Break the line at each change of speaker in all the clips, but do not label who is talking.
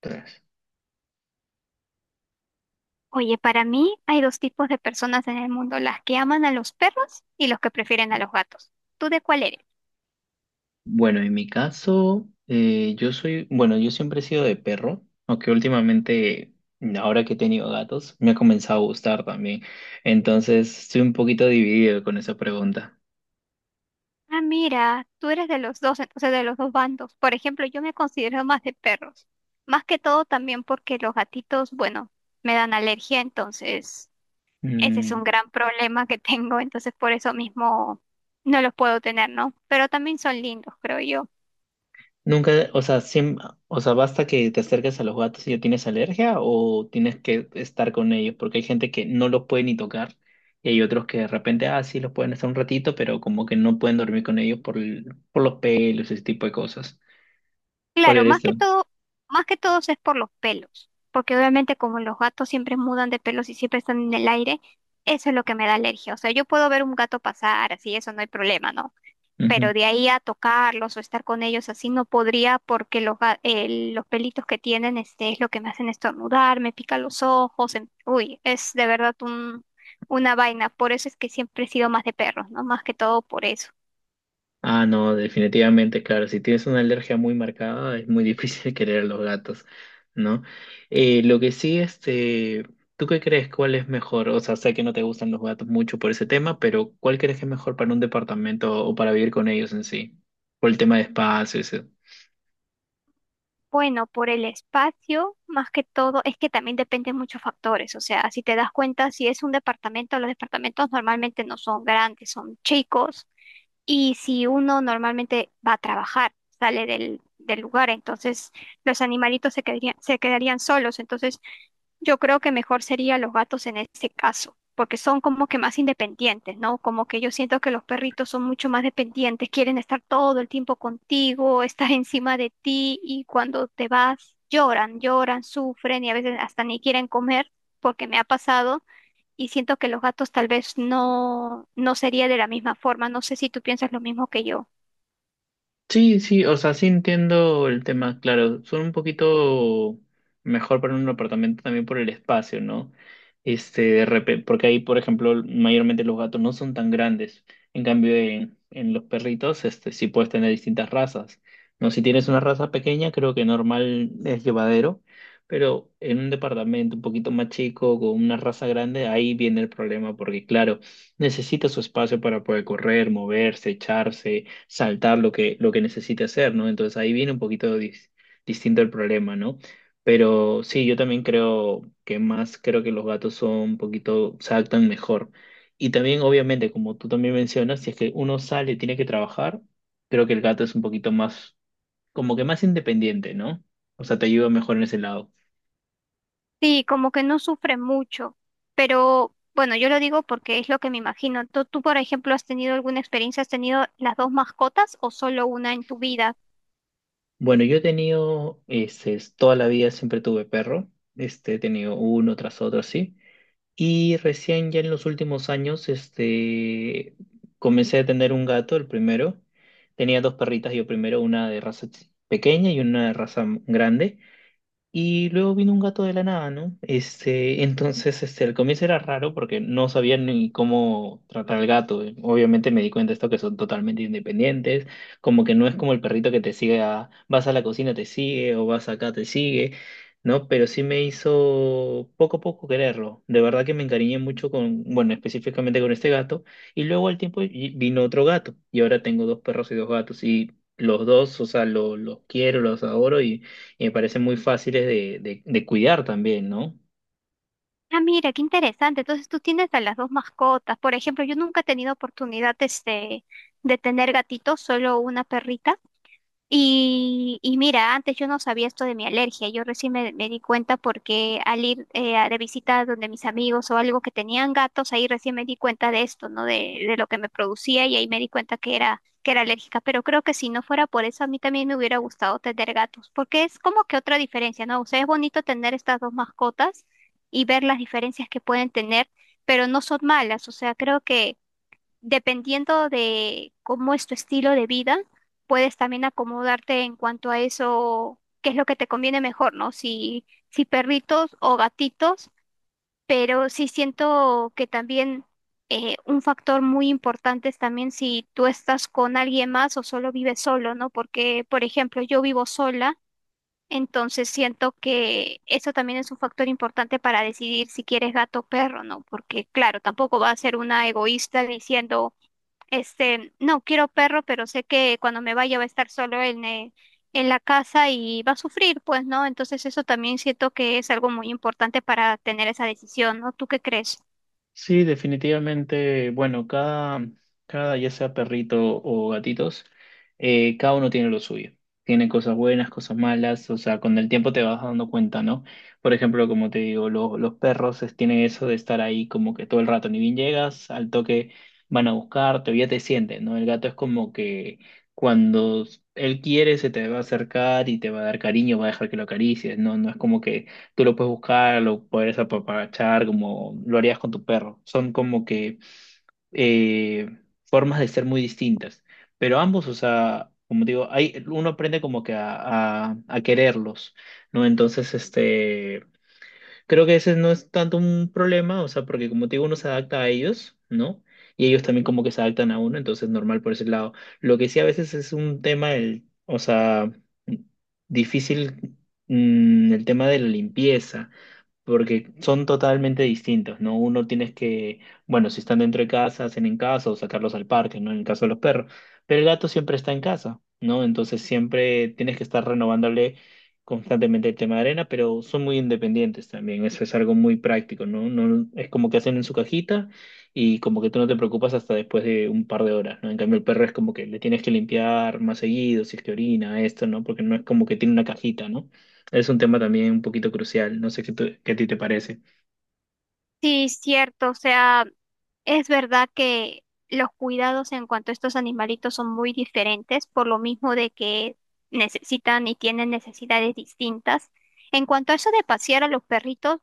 Tres.
Oye, para mí hay dos tipos de personas en el mundo, las que aman a los perros y los que prefieren a los gatos. ¿Tú de cuál eres?
Bueno, en mi caso, yo soy, bueno, yo siempre he sido de perro, aunque últimamente, ahora que he tenido gatos, me ha comenzado a gustar también. Entonces, estoy un poquito dividido con esa pregunta.
Ah, mira, tú eres de los dos, entonces de los dos bandos. Por ejemplo, yo me considero más de perros. Más que todo también porque los gatitos, bueno, me dan alergia, entonces ese es
Mm,
un gran problema que tengo, entonces por eso mismo no los puedo tener, ¿no? Pero también son lindos, creo yo.
nunca, o sea, basta que te acerques a los gatos y ya tienes alergia o tienes que estar con ellos, porque hay gente que no los puede ni tocar y hay otros que de repente, ah, sí, los pueden estar un ratito, pero como que no pueden dormir con ellos por, por los pelos, ese tipo de cosas. ¿Cuál
Claro,
eres tú?
más que todo es por los pelos, porque obviamente como los gatos siempre mudan de pelos y siempre están en el aire, eso es lo que me da alergia. O sea, yo puedo ver un gato pasar, así eso no hay problema, ¿no? Pero
Ujú.
de ahí a tocarlos o estar con ellos así no podría porque los pelitos que tienen es lo que me hacen estornudar, me pica los ojos, uy, es de verdad un, una vaina. Por eso es que siempre he sido más de perros, ¿no? Más que todo por eso.
Ah, no, definitivamente, claro, si tienes una alergia muy marcada es muy difícil querer a los gatos, ¿no? Lo que sí, este, ¿tú qué crees? ¿Cuál es mejor? O sea, sé que no te gustan los gatos mucho por ese tema, pero ¿cuál crees que es mejor para un departamento o para vivir con ellos en sí? Por el tema de espacios.
Bueno, por el espacio, más que todo, es que también dependen muchos factores. O sea, si te das cuenta, si es un departamento, los departamentos normalmente no son grandes, son chicos. Y si uno normalmente va a trabajar, sale del lugar, entonces los animalitos se quedarían solos. Entonces, yo creo que mejor sería los gatos en este caso, porque son como que más independientes, ¿no? Como que yo siento que los perritos son mucho más dependientes, quieren estar todo el tiempo contigo, estar encima de ti y cuando te vas lloran, lloran, sufren y a veces hasta ni quieren comer, porque me ha pasado y siento que los gatos tal vez no sería de la misma forma. No sé si tú piensas lo mismo que yo.
Sí, sí, o sea, sí entiendo el tema, claro, son un poquito mejor para un apartamento también por el espacio, ¿no? Este, porque ahí, por ejemplo, mayormente los gatos no son tan grandes, en cambio en los perritos, este, sí puedes tener distintas razas, ¿no? Si tienes una raza pequeña, creo que normal es llevadero, pero en un departamento un poquito más chico, con una raza grande, ahí viene el problema, porque claro, necesita su espacio para poder correr, moverse, echarse saltar lo que necesite hacer, ¿no? Entonces ahí viene un poquito distinto el problema, ¿no? Pero sí, yo también creo que más, creo que los gatos son un poquito, se adaptan mejor. Y también, obviamente, como tú también mencionas, si es que uno sale y tiene que trabajar, creo que el gato es un poquito más, como que más independiente, ¿no? O sea, te ayuda mejor en ese lado.
Sí, como que no sufre mucho, pero bueno, yo lo digo porque es lo que me imagino. ¿Tú, por ejemplo, has tenido alguna experiencia? ¿Has tenido las dos mascotas o solo una en tu vida?
Bueno, yo he tenido, este, toda la vida siempre tuve perro, este, he tenido uno tras otro, sí. Y recién ya en los últimos años, este, comencé a tener un gato, el primero. Tenía dos perritas yo primero, una de raza pequeña y una de raza grande. Y luego vino un gato de la nada, ¿no? Este, entonces, este, al comienzo era raro porque no sabía ni cómo tratar al gato. Obviamente me di cuenta de esto que son totalmente independientes, como que no es como el perrito que te sigue a, vas a la cocina, te sigue, o vas acá, te sigue, ¿no? Pero sí me hizo poco a poco quererlo. De verdad que me encariñé mucho con, bueno, específicamente con este gato. Y luego al tiempo y- Vino otro gato. Y ahora tengo dos perros y dos gatos. Y los dos, o sea, los quiero, los adoro y me parecen muy fáciles de cuidar también, ¿no?
Ah, mira, qué interesante. Entonces tú tienes a las dos mascotas. Por ejemplo, yo nunca he tenido oportunidad de tener gatitos, solo una perrita. Y mira, antes yo no sabía esto de mi alergia, yo recién me di cuenta porque al ir de visita donde mis amigos o algo que tenían gatos, ahí recién me di cuenta de esto, ¿no? De lo que me producía y ahí me di cuenta que era alérgica, pero creo que si no fuera por eso, a mí también me hubiera gustado tener gatos, porque es como que otra diferencia, ¿no? O sea, es bonito tener estas dos mascotas y ver las diferencias que pueden tener, pero no son malas, o sea, creo que dependiendo de cómo es tu estilo de vida, puedes también acomodarte en cuanto a eso, qué es lo que te conviene mejor, ¿no? Si perritos o gatitos, pero sí siento que también un factor muy importante es también si tú estás con alguien más o solo vives solo, ¿no? Porque, por ejemplo, yo vivo sola. Entonces siento que eso también es un factor importante para decidir si quieres gato o perro, ¿no? Porque claro, tampoco va a ser una egoísta diciendo, este, no quiero perro, pero sé que cuando me vaya va a estar solo en la casa y va a sufrir, pues, ¿no? Entonces eso también siento que es algo muy importante para tener esa decisión, ¿no? ¿Tú qué crees?
Sí, definitivamente, bueno, cada, cada, ya sea perrito o gatitos, cada uno tiene lo suyo. Tiene cosas buenas, cosas malas, o sea, con el tiempo te vas dando cuenta, ¿no? Por ejemplo, como te digo, los perros tienen eso de estar ahí como que todo el rato, ni bien llegas, al toque van a buscarte o ya te sienten, ¿no? El gato es como que cuando él quiere se te va a acercar y te va a dar cariño, va a dejar que lo acaricies, ¿no? No es como que tú lo puedes buscar, lo puedes apapachar, como lo harías con tu perro. Son como que eh, formas de ser muy distintas. Pero ambos, o sea, como digo, hay, uno aprende como que a quererlos, ¿no? Entonces, este, creo que ese no es tanto un problema, o sea, porque como te digo, uno se adapta a ellos, ¿no? Y ellos también como que se adaptan a uno, entonces normal por ese lado. Lo que sí a veces es un tema, el, o sea, difícil, el tema de la limpieza, porque son totalmente distintos, ¿no? Uno tienes que, bueno, si están dentro de casa, hacen en casa o sacarlos al parque, ¿no? En el caso de los perros, pero el gato siempre está en casa, ¿no? Entonces siempre tienes que estar renovándole constantemente el tema de arena, pero son muy independientes también. Eso es algo muy práctico, ¿no? No, es como que hacen en su cajita y como que tú no te preocupas hasta después de un par de horas, ¿no? En cambio, el perro es como que le tienes que limpiar más seguido, si es que orina, esto, ¿no? Porque no es como que tiene una cajita, ¿no? Es un tema también un poquito crucial, no sé qué, qué a ti te parece.
Sí, cierto, o sea, es verdad que los cuidados en cuanto a estos animalitos son muy diferentes, por lo mismo de que necesitan y tienen necesidades distintas. En cuanto a eso de pasear a los perritos,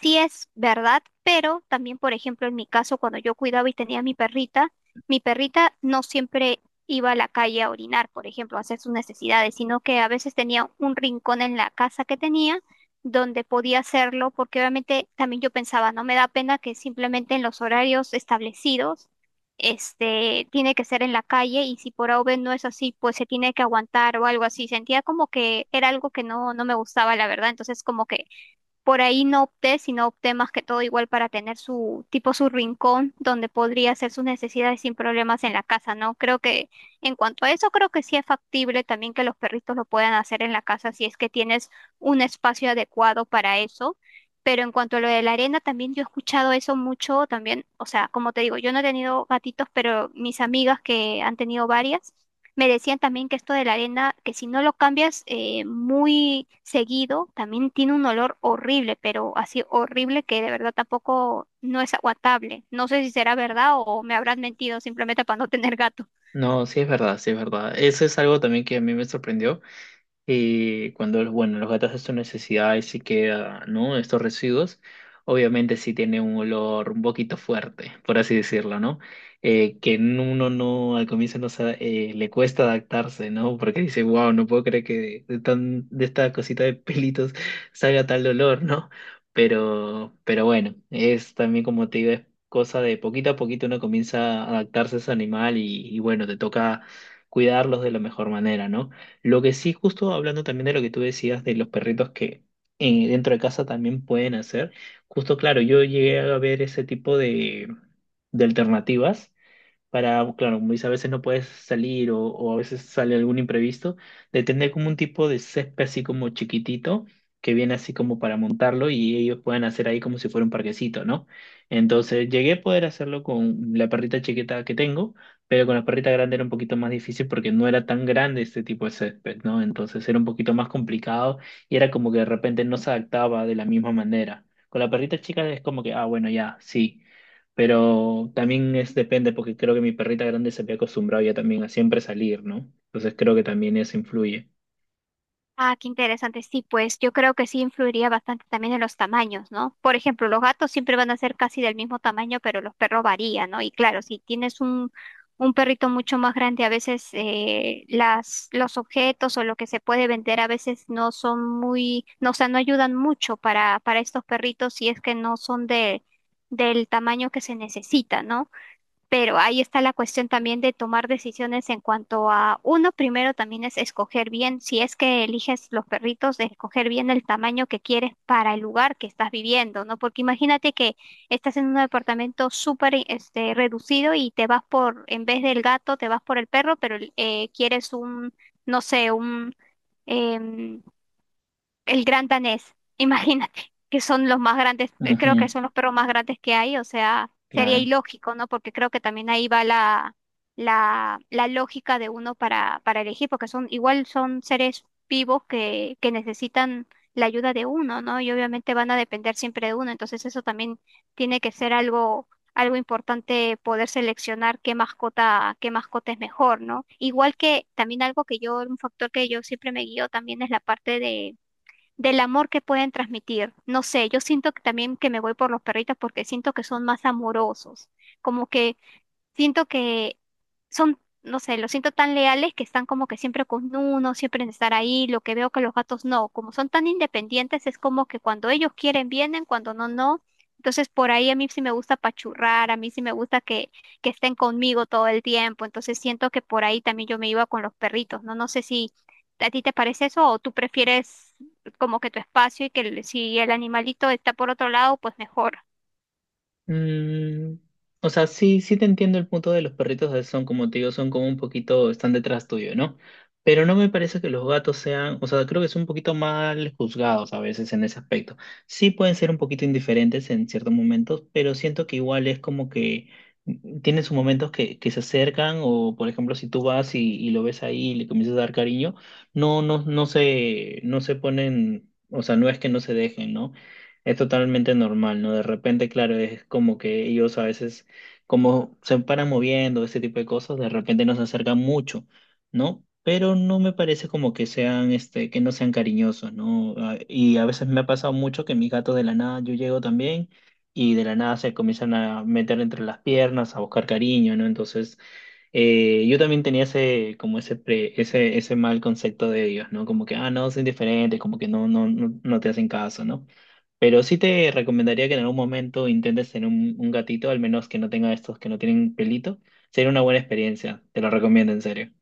sí es verdad, pero también, por ejemplo, en mi caso, cuando yo cuidaba y tenía mi perrita no siempre iba a la calle a orinar, por ejemplo, a hacer sus necesidades, sino que a veces tenía un rincón en la casa que tenía donde podía hacerlo, porque obviamente también yo pensaba, no me da pena que simplemente en los horarios establecidos, este, tiene que ser en la calle y si por A o B no es así, pues se tiene que aguantar o algo así. Sentía como que era algo que no me gustaba, la verdad, entonces como que por ahí no opté, sino opté más que todo igual para tener su tipo su rincón donde podría hacer sus necesidades sin problemas en la casa, ¿no? Creo que en cuanto a eso, creo que sí es factible también que los perritos lo puedan hacer en la casa si es que tienes un espacio adecuado para eso. Pero en cuanto a lo de la arena, también yo he escuchado eso mucho también. O sea, como te digo, yo no he tenido gatitos, pero mis amigas que han tenido varias. Me decían también que esto de la arena, que si no lo cambias muy seguido, también tiene un olor horrible, pero así horrible que de verdad tampoco no es aguantable. No sé si será verdad o me habrán mentido simplemente para no tener gato.
No, sí es verdad, sí es verdad. Eso es algo también que a mí me sorprendió cuando los, bueno, los gatos hacen sus necesidades y queda, ¿no? Estos residuos, obviamente sí tiene un olor un poquito fuerte, por así decirlo, ¿no? Que uno no, al comienzo no le cuesta adaptarse, ¿no? Porque dice, wow, no puedo creer que de, tan, de esta cosita de pelitos salga tal olor, ¿no? Pero bueno, es también como te digo, es cosa de poquito a poquito uno comienza a adaptarse a ese animal y bueno, te toca cuidarlos de la mejor manera, ¿no? Lo que sí, justo hablando también de lo que tú decías de los perritos que dentro de casa también pueden hacer, justo claro, yo llegué a ver ese tipo de alternativas para, pues, claro, como dice, a veces no puedes salir o a veces sale algún imprevisto, de tener como un tipo de césped así como chiquitito, que viene así como para montarlo y ellos pueden hacer ahí como si fuera un parquecito, ¿no? Entonces llegué a poder hacerlo con la perrita chiquita que tengo, pero con la perrita grande era un poquito más difícil porque no era tan grande este tipo de césped, ¿no? Entonces era un poquito más complicado y era como que de repente no se adaptaba de la misma manera. Con la perrita chica es como que, ah, bueno, ya, sí. Pero también es depende, porque creo que mi perrita grande se había acostumbrado ya también a siempre salir, ¿no? Entonces creo que también eso influye.
Ah, qué interesante. Sí, pues yo creo que sí influiría bastante también en los tamaños, ¿no? Por ejemplo, los gatos siempre van a ser casi del mismo tamaño, pero los perros varían, ¿no? Y claro, si tienes un perrito mucho más grande, a veces los objetos o lo que se puede vender a veces no son muy, no, o sea, no ayudan mucho para estos perritos si es que no son de, del tamaño que se necesita, ¿no? Pero ahí está la cuestión también de tomar decisiones en cuanto a uno, primero también es escoger bien, si es que eliges los perritos, de escoger bien el tamaño que quieres para el lugar que estás viviendo, ¿no? Porque imagínate que estás en un departamento súper este, reducido y te vas por, en vez del gato, te vas por el perro, pero quieres un, no sé, un... em, el gran danés, imagínate, que son los más grandes, creo que
Ujú,
son los perros más grandes que hay, o sea, sería
claro.
ilógico, ¿no? Porque creo que también ahí va la lógica de uno para elegir, porque son, igual son seres vivos que necesitan la ayuda de uno, ¿no? Y obviamente van a depender siempre de uno, entonces eso también tiene que ser algo, algo importante poder seleccionar qué mascota es mejor, ¿no? Igual que también algo que yo, un factor que yo siempre me guío también es la parte de del amor que pueden transmitir. No sé, yo siento que también que me voy por los perritos porque siento que son más amorosos, como que siento que son, no sé, los siento tan leales que están como que siempre con uno, siempre en estar ahí, lo que veo que los gatos no, como son tan independientes, es como que cuando ellos quieren vienen, cuando no, no. Entonces por ahí a mí sí me gusta pachurrar, a mí sí me gusta que estén conmigo todo el tiempo, entonces siento que por ahí también yo me iba con los perritos, ¿no? No sé si a ti te parece eso o tú prefieres como que tu espacio y que el- si el animalito está por otro lado, pues mejor.
Mm, o sea, sí, sí te entiendo el punto de los perritos de son, como te digo, son como un poquito, están detrás tuyo, ¿no? Pero no me parece que los gatos sean, o sea, creo que son un poquito mal juzgados a veces en ese aspecto. Sí pueden ser un poquito indiferentes en ciertos momentos, pero siento que igual es como que tienen sus momentos que se acercan o, por ejemplo, si tú vas y lo ves ahí y le comienzas a dar cariño, no, no, no se ponen, o sea, no es que no se dejen, ¿no? Es totalmente normal, ¿no? De repente, claro, es como que ellos a veces, como se paran moviendo, ese tipo de cosas, de repente nos acercan mucho, ¿no? Pero no me parece como que sean, este, que no sean cariñosos, ¿no? Ah, y a veces me ha pasado mucho que mis gatos de la nada, yo llego también y de la nada se comienzan a meter entre las piernas, a buscar cariño, ¿no? Entonces... yo también tenía ese, como ese, pre- ese mal concepto de ellos, ¿no? Como que, ah, no, son diferentes, como que no, no, no, no te hacen caso, ¿no? Pero sí te recomendaría que en algún momento intentes tener un gatito, al menos que no tenga estos que no tienen pelito. Sería una buena experiencia, te lo recomiendo en serio.